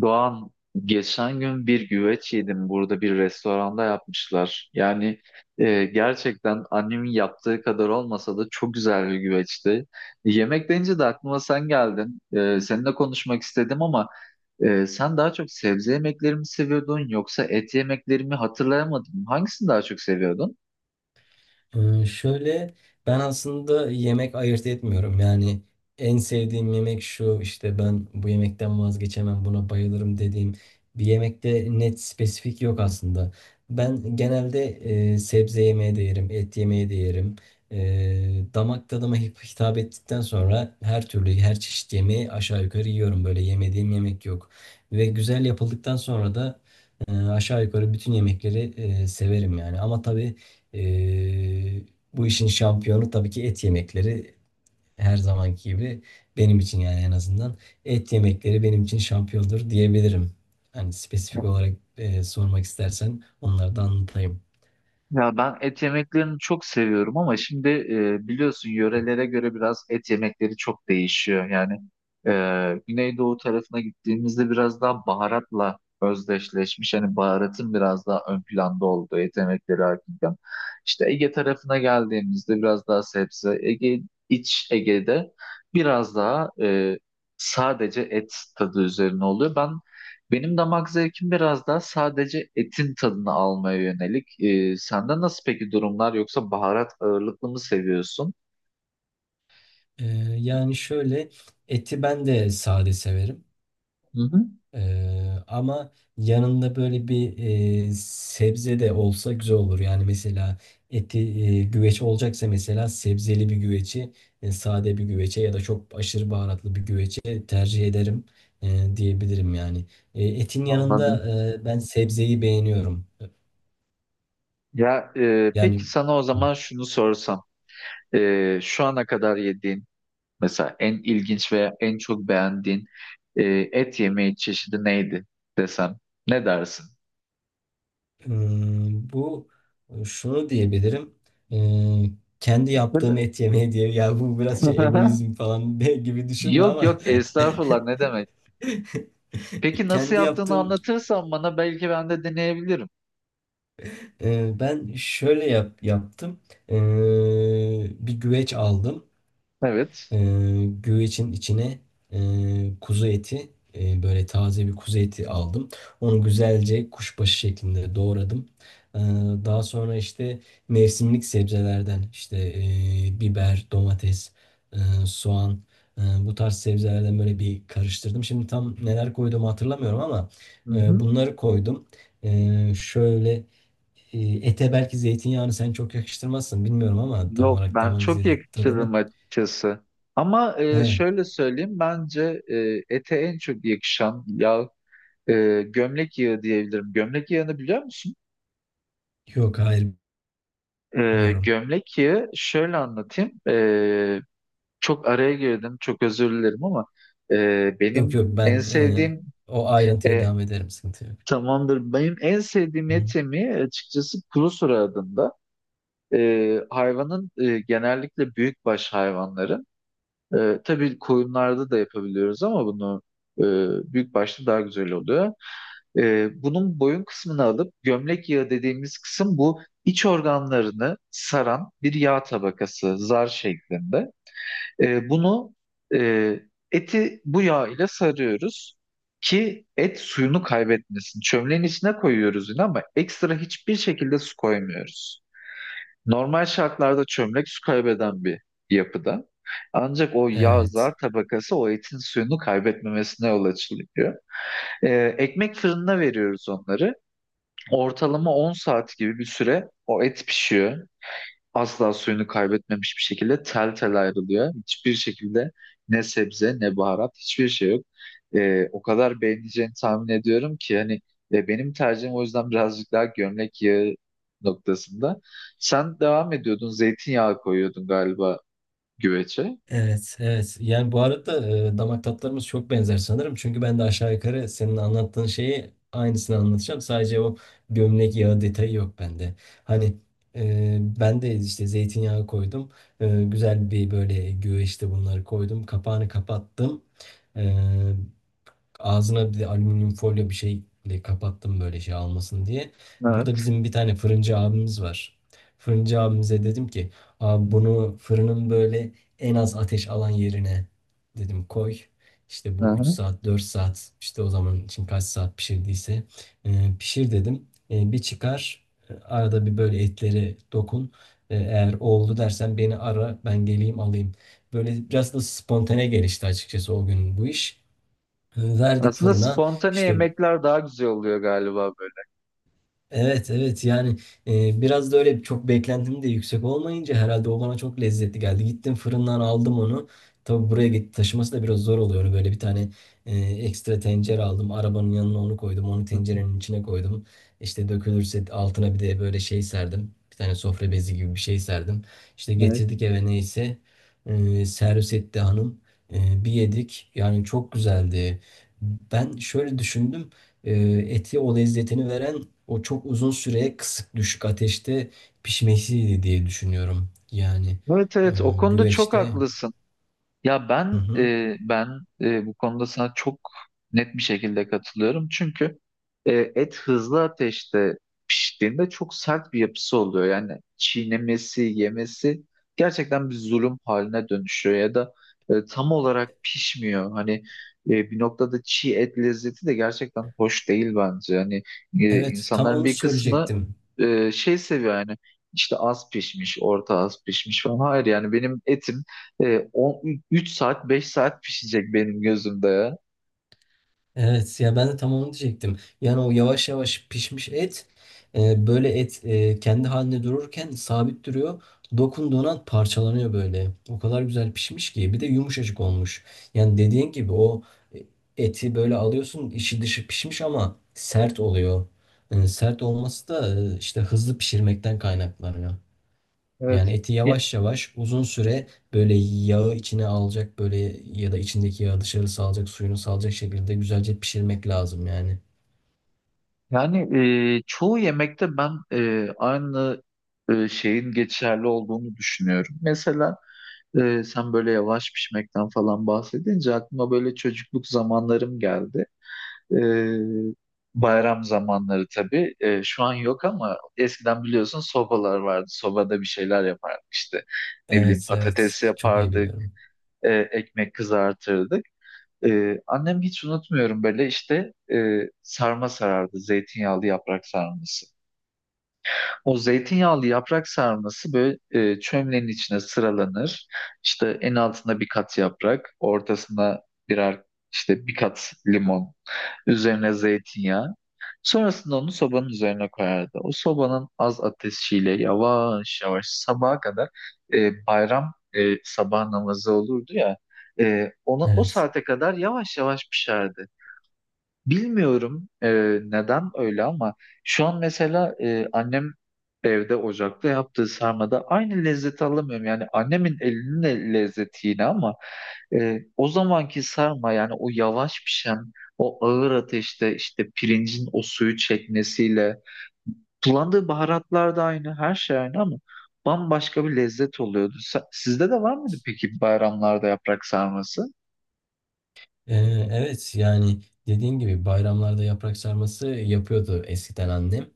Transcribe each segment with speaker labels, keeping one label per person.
Speaker 1: Doğan, geçen gün bir güveç yedim burada bir restoranda yapmışlar. Gerçekten annemin yaptığı kadar olmasa da çok güzel bir güveçti. Yemek deyince de aklıma sen geldin. Seninle konuşmak istedim ama sen daha çok sebze yemekleri mi seviyordun yoksa et yemekleri mi hatırlayamadım. Hangisini daha çok seviyordun?
Speaker 2: Şöyle, ben aslında yemek ayırt etmiyorum. Yani en sevdiğim yemek şu işte ben bu yemekten vazgeçemem buna bayılırım dediğim bir yemekte net spesifik yok aslında. Ben genelde sebze yemeği de yerim, et yemeği de yerim. Damak tadıma hitap ettikten sonra her türlü her çeşit yemeği aşağı yukarı yiyorum. Böyle yemediğim yemek yok. Ve güzel yapıldıktan sonra da aşağı yukarı bütün yemekleri severim yani. Ama tabii ee, bu işin şampiyonu tabii ki et yemekleri her zamanki gibi benim için, yani en azından et yemekleri benim için şampiyondur diyebilirim. Hani spesifik olarak sormak istersen onları da anlatayım.
Speaker 1: Ya ben et yemeklerini çok seviyorum ama şimdi biliyorsun yörelere göre biraz et yemekleri çok değişiyor. Güneydoğu tarafına gittiğimizde biraz daha baharatla özdeşleşmiş. Hani baharatın biraz daha ön planda olduğu et yemekleri hakkında. İşte Ege tarafına geldiğimizde biraz daha sebze. Ege, iç Ege'de biraz daha sadece et tadı üzerine oluyor. Ben benim damak zevkim biraz daha sadece etin tadını almaya yönelik. Sende nasıl peki durumlar, yoksa baharat ağırlıklı mı seviyorsun?
Speaker 2: Ee, yani şöyle, eti ben de sade severim.
Speaker 1: Hı hı,
Speaker 2: Ama yanında böyle bir sebze de olsa güzel olur. Yani mesela eti güveç olacaksa mesela sebzeli bir güveci, sade bir güvece ya da çok aşırı baharatlı bir güvece tercih ederim diyebilirim yani. Etin
Speaker 1: anladım.
Speaker 2: yanında ben sebzeyi beğeniyorum.
Speaker 1: Peki
Speaker 2: Yani
Speaker 1: sana o
Speaker 2: hı.
Speaker 1: zaman şunu sorsam. Şu ana kadar yediğin, mesela en ilginç veya en çok beğendiğin e, et yemeği çeşidi neydi desem, ne dersin?
Speaker 2: Hmm, bu şunu diyebilirim. Ee, Kendi yaptığım
Speaker 1: Böyle-
Speaker 2: et yemeği diye, ya bu biraz şey egoizm falan gibi düşünme
Speaker 1: Yok
Speaker 2: ama
Speaker 1: yok, estağfurullah, ne demek. Peki nasıl
Speaker 2: kendi
Speaker 1: yaptığını
Speaker 2: yaptığım,
Speaker 1: anlatırsan bana, belki ben de deneyebilirim.
Speaker 2: ben şöyle yaptım. Ee, Bir güveç aldım.
Speaker 1: Evet.
Speaker 2: Güvecin içine kuzu eti, böyle taze bir kuzu eti aldım. Onu güzelce kuşbaşı şeklinde doğradım. Ee, Daha sonra işte mevsimlik sebzelerden işte biber, domates, e, soğan, bu tarz sebzelerden böyle bir karıştırdım. Şimdi tam neler koyduğumu hatırlamıyorum ama
Speaker 1: Hı hı.
Speaker 2: bunları koydum. Şöyle, ete belki zeytinyağını sen çok yakıştırmazsın bilmiyorum ama tam
Speaker 1: Yok,
Speaker 2: olarak tam
Speaker 1: ben
Speaker 2: hangi
Speaker 1: çok
Speaker 2: zeytin tadını.
Speaker 1: yakıştırırım açıkçası. Ama şöyle söyleyeyim, bence ete en çok yakışan yağ gömlek yağı diyebilirim. Gömlek yağını biliyor musun?
Speaker 2: Yok hayır bilmiyorum.
Speaker 1: Gömlek yağı şöyle anlatayım. Çok araya girdim, çok özür dilerim ama e,
Speaker 2: Yok
Speaker 1: benim
Speaker 2: yok,
Speaker 1: en
Speaker 2: ben
Speaker 1: sevdiğim
Speaker 2: o ayrıntıya
Speaker 1: e,
Speaker 2: devam ederim, sıkıntı yok.
Speaker 1: tamamdır, benim en sevdiğim
Speaker 2: Hı.
Speaker 1: et yemeği, açıkçası, kuru sura adında. Hayvanın, genellikle büyükbaş hayvanları. Tabii koyunlarda da yapabiliyoruz ama bunu e, büyük başta daha güzel oluyor. Bunun boyun kısmını alıp gömlek yağı dediğimiz kısım, bu iç organlarını saran bir yağ tabakası zar şeklinde. E, bunu e, Eti bu yağ ile sarıyoruz ki et suyunu kaybetmesin. Çömleğin içine koyuyoruz yine ama ekstra hiçbir şekilde su koymuyoruz. Normal şartlarda çömlek su kaybeden bir yapıda. Ancak o yağ zar
Speaker 2: Evet.
Speaker 1: tabakası o etin suyunu kaybetmemesine yol açılıyor. Ekmek fırınına veriyoruz onları. Ortalama 10 saat gibi bir süre o et pişiyor, asla suyunu kaybetmemiş bir şekilde tel tel ayrılıyor. Hiçbir şekilde ne sebze ne baharat, hiçbir şey yok. O kadar beğeneceğini tahmin ediyorum ki hani, ve benim tercihim o yüzden birazcık daha gömlek yağı noktasında. Sen devam ediyordun, zeytinyağı koyuyordun galiba güveçe.
Speaker 2: Evet, evet. Yani bu arada damak tatlarımız çok benzer sanırım. Çünkü ben de aşağı yukarı senin anlattığın şeyi aynısını anlatacağım. Sadece o gömlek yağı detayı yok bende. Hani ben de işte zeytinyağı koydum. Güzel bir böyle güveçte bunları koydum. Kapağını kapattım. E, Ağzına bir de alüminyum folyo bir şeyle kapattım, böyle şey almasın diye. Burada
Speaker 1: Evet.
Speaker 2: bizim bir tane fırıncı abimiz var. Fırıncı abimize dedim ki, abi bunu fırının böyle en az ateş alan yerine, dedim, koy. İşte bu 3
Speaker 1: Hı-hı.
Speaker 2: saat 4 saat, işte o zaman için kaç saat pişirdiyse pişir dedim. Bir çıkar, arada bir böyle etleri dokun. Eğer oldu dersen beni ara, ben geleyim alayım. Böyle biraz da spontane gelişti açıkçası o gün bu iş. Verdik
Speaker 1: Aslında
Speaker 2: fırına
Speaker 1: spontane
Speaker 2: işte.
Speaker 1: yemekler daha güzel oluyor galiba böyle.
Speaker 2: Evet evet, yani biraz da öyle çok beklentim de yüksek olmayınca herhalde o bana çok lezzetli geldi. Gittim fırından aldım onu. Tabii buraya git taşıması da biraz zor oluyor. Böyle bir tane ekstra tencere aldım. Arabanın yanına onu koydum. Onu
Speaker 1: Hı hı.
Speaker 2: tencerenin içine koydum. İşte dökülürse altına bir de böyle şey serdim. Bir tane sofra bezi gibi bir şey serdim. İşte
Speaker 1: Evet.
Speaker 2: getirdik eve neyse. Servis etti hanım. Bir yedik. Yani çok güzeldi. Ben şöyle düşündüm. Eti o lezzetini veren o çok uzun süre kısık düşük ateşte pişmesiydi diye düşünüyorum. Yani
Speaker 1: Evet
Speaker 2: e,
Speaker 1: evet, o konuda çok
Speaker 2: güveçte.
Speaker 1: haklısın. Ya
Speaker 2: Hı
Speaker 1: ben
Speaker 2: hı.
Speaker 1: e, ben Bu konuda sana çok net bir şekilde katılıyorum. Çünkü et hızlı ateşte piştiğinde çok sert bir yapısı oluyor. Yani çiğnemesi, yemesi gerçekten bir zulüm haline dönüşüyor ya da tam olarak pişmiyor. Hani bir noktada çiğ et lezzeti de gerçekten hoş değil bence. Hani
Speaker 2: Evet, tam
Speaker 1: insanların
Speaker 2: onu
Speaker 1: bir kısmı
Speaker 2: söyleyecektim.
Speaker 1: şey seviyor yani, işte az pişmiş, orta az pişmiş falan. Hayır, yani benim etim 3 saat 5 saat pişecek benim gözümde ya.
Speaker 2: Evet ya, ben de tam onu diyecektim. Yani o yavaş yavaş pişmiş et, böyle et, kendi haline dururken sabit duruyor. Dokunduğun an parçalanıyor böyle. O kadar güzel pişmiş ki, bir de yumuşacık olmuş. Yani dediğin gibi o eti böyle alıyorsun, içi dışı pişmiş ama sert oluyor. Sert olması da işte hızlı pişirmekten kaynaklanıyor. Yani
Speaker 1: Evet.
Speaker 2: eti
Speaker 1: Ya-
Speaker 2: yavaş yavaş uzun süre böyle yağı içine alacak böyle, ya da içindeki yağı dışarı salacak, suyunu salacak şekilde güzelce pişirmek lazım yani.
Speaker 1: Yani çoğu yemekte ben şeyin geçerli olduğunu düşünüyorum. Mesela sen böyle yavaş pişmekten falan bahsedince aklıma böyle çocukluk zamanlarım geldi. E, Bayram zamanları tabii. Şu an yok ama eskiden biliyorsun sobalar vardı. Sobada bir şeyler yapardık işte. Ne bileyim,
Speaker 2: Evet
Speaker 1: patates
Speaker 2: evet, çok iyi
Speaker 1: yapardık,
Speaker 2: biliyorum.
Speaker 1: ekmek kızartırdık. Annem hiç unutmuyorum, böyle işte sarma sarardı, zeytinyağlı yaprak sarması. O zeytinyağlı yaprak sarması böyle çömlenin içine sıralanır. İşte en altında bir kat yaprak, ortasına birer, işte bir kat limon, üzerine zeytinyağı. Sonrasında onu sobanın üzerine koyardı. O sobanın az ateşiyle yavaş yavaş sabaha kadar, sabah namazı olurdu ya, ona o
Speaker 2: Evet.
Speaker 1: saate kadar yavaş yavaş pişerdi. Bilmiyorum neden öyle ama şu an mesela annem evde ocakta yaptığı sarmada aynı lezzeti alamıyorum. Yani annemin elinin lezzeti yine, ama o zamanki sarma, yani o yavaş pişen, o ağır ateşte, işte pirincin o suyu çekmesiyle, kullandığı baharatlar da aynı, her şey aynı ama bambaşka bir lezzet oluyordu. Sizde de var mıydı peki bayramlarda yaprak sarması?
Speaker 2: Ee, Evet yani, dediğin gibi bayramlarda yaprak sarması yapıyordu eskiden annem.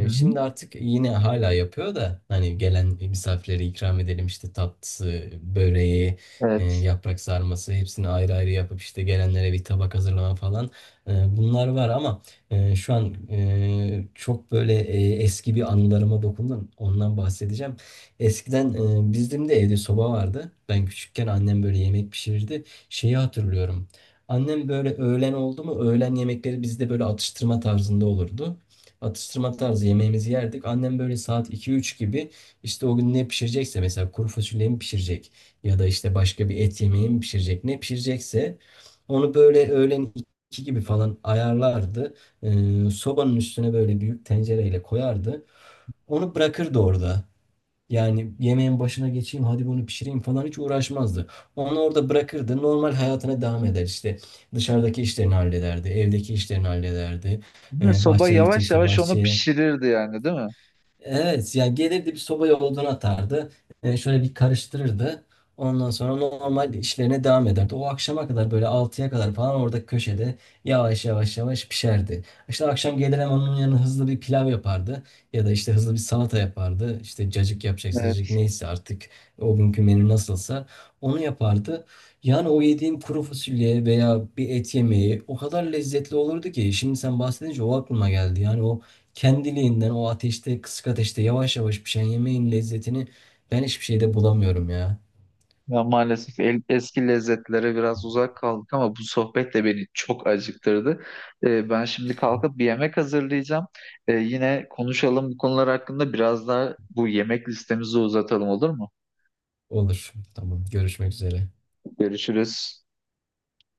Speaker 1: Hı hı.
Speaker 2: Şimdi artık yine hala yapıyor da hani gelen misafirlere ikram edelim işte, tatlısı, böreği,
Speaker 1: Evet.
Speaker 2: yaprak sarması, hepsini ayrı ayrı yapıp işte gelenlere bir tabak hazırlama falan. Bunlar var ama şu an çok böyle eski bir anılarıma dokundun, ondan bahsedeceğim. Eskiden bizim de evde soba vardı. Ben küçükken annem böyle yemek pişirirdi, şeyi hatırlıyorum. Annem böyle öğlen oldu mu, öğlen yemekleri bizde böyle atıştırma tarzında olurdu. Atıştırma tarzı yemeğimizi yerdik. Annem böyle saat iki üç gibi işte, o gün ne pişirecekse, mesela kuru fasulye mi pişirecek ya da işte başka bir et yemeği mi pişirecek, ne pişirecekse onu böyle öğlen 2 gibi falan ayarlardı. Sobanın üstüne böyle büyük tencereyle koyardı. Onu bırakırdı orada. Yani yemeğin başına geçeyim hadi bunu pişireyim falan, hiç uğraşmazdı. Onu orada bırakırdı, normal hayatına devam eder, işte dışarıdaki işlerini hallederdi, evdeki işlerini hallederdi.
Speaker 1: Soba
Speaker 2: Bahçeye
Speaker 1: yavaş
Speaker 2: gidecekse
Speaker 1: yavaş onu
Speaker 2: bahçeye.
Speaker 1: pişirirdi yani, değil mi?
Speaker 2: Evet yani, gelirdi bir sobaya odun atardı. Şöyle bir karıştırırdı. Ondan sonra normal işlerine devam ederdi. O akşama kadar böyle altıya kadar falan orada köşede yavaş yavaş pişerdi. İşte akşam gelir, hemen onun yanına hızlı bir pilav yapardı. Ya da işte hızlı bir salata yapardı. İşte cacık yapacaksa cacık,
Speaker 1: Evet.
Speaker 2: neyse artık o günkü menü nasılsa onu yapardı. Yani o yediğim kuru fasulye veya bir et yemeği o kadar lezzetli olurdu ki, şimdi sen bahsedince o aklıma geldi. Yani o kendiliğinden o ateşte, kısık ateşte yavaş yavaş pişen yemeğin lezzetini ben hiçbir şeyde bulamıyorum ya.
Speaker 1: Ya maalesef eski lezzetlere biraz uzak kaldık, ama bu sohbet de beni çok acıktırdı. Ben şimdi kalkıp bir yemek hazırlayacağım. Yine konuşalım bu konular hakkında, biraz daha bu yemek listemizi uzatalım, olur mu?
Speaker 2: Olur. Tamam. Görüşmek üzere.
Speaker 1: Görüşürüz.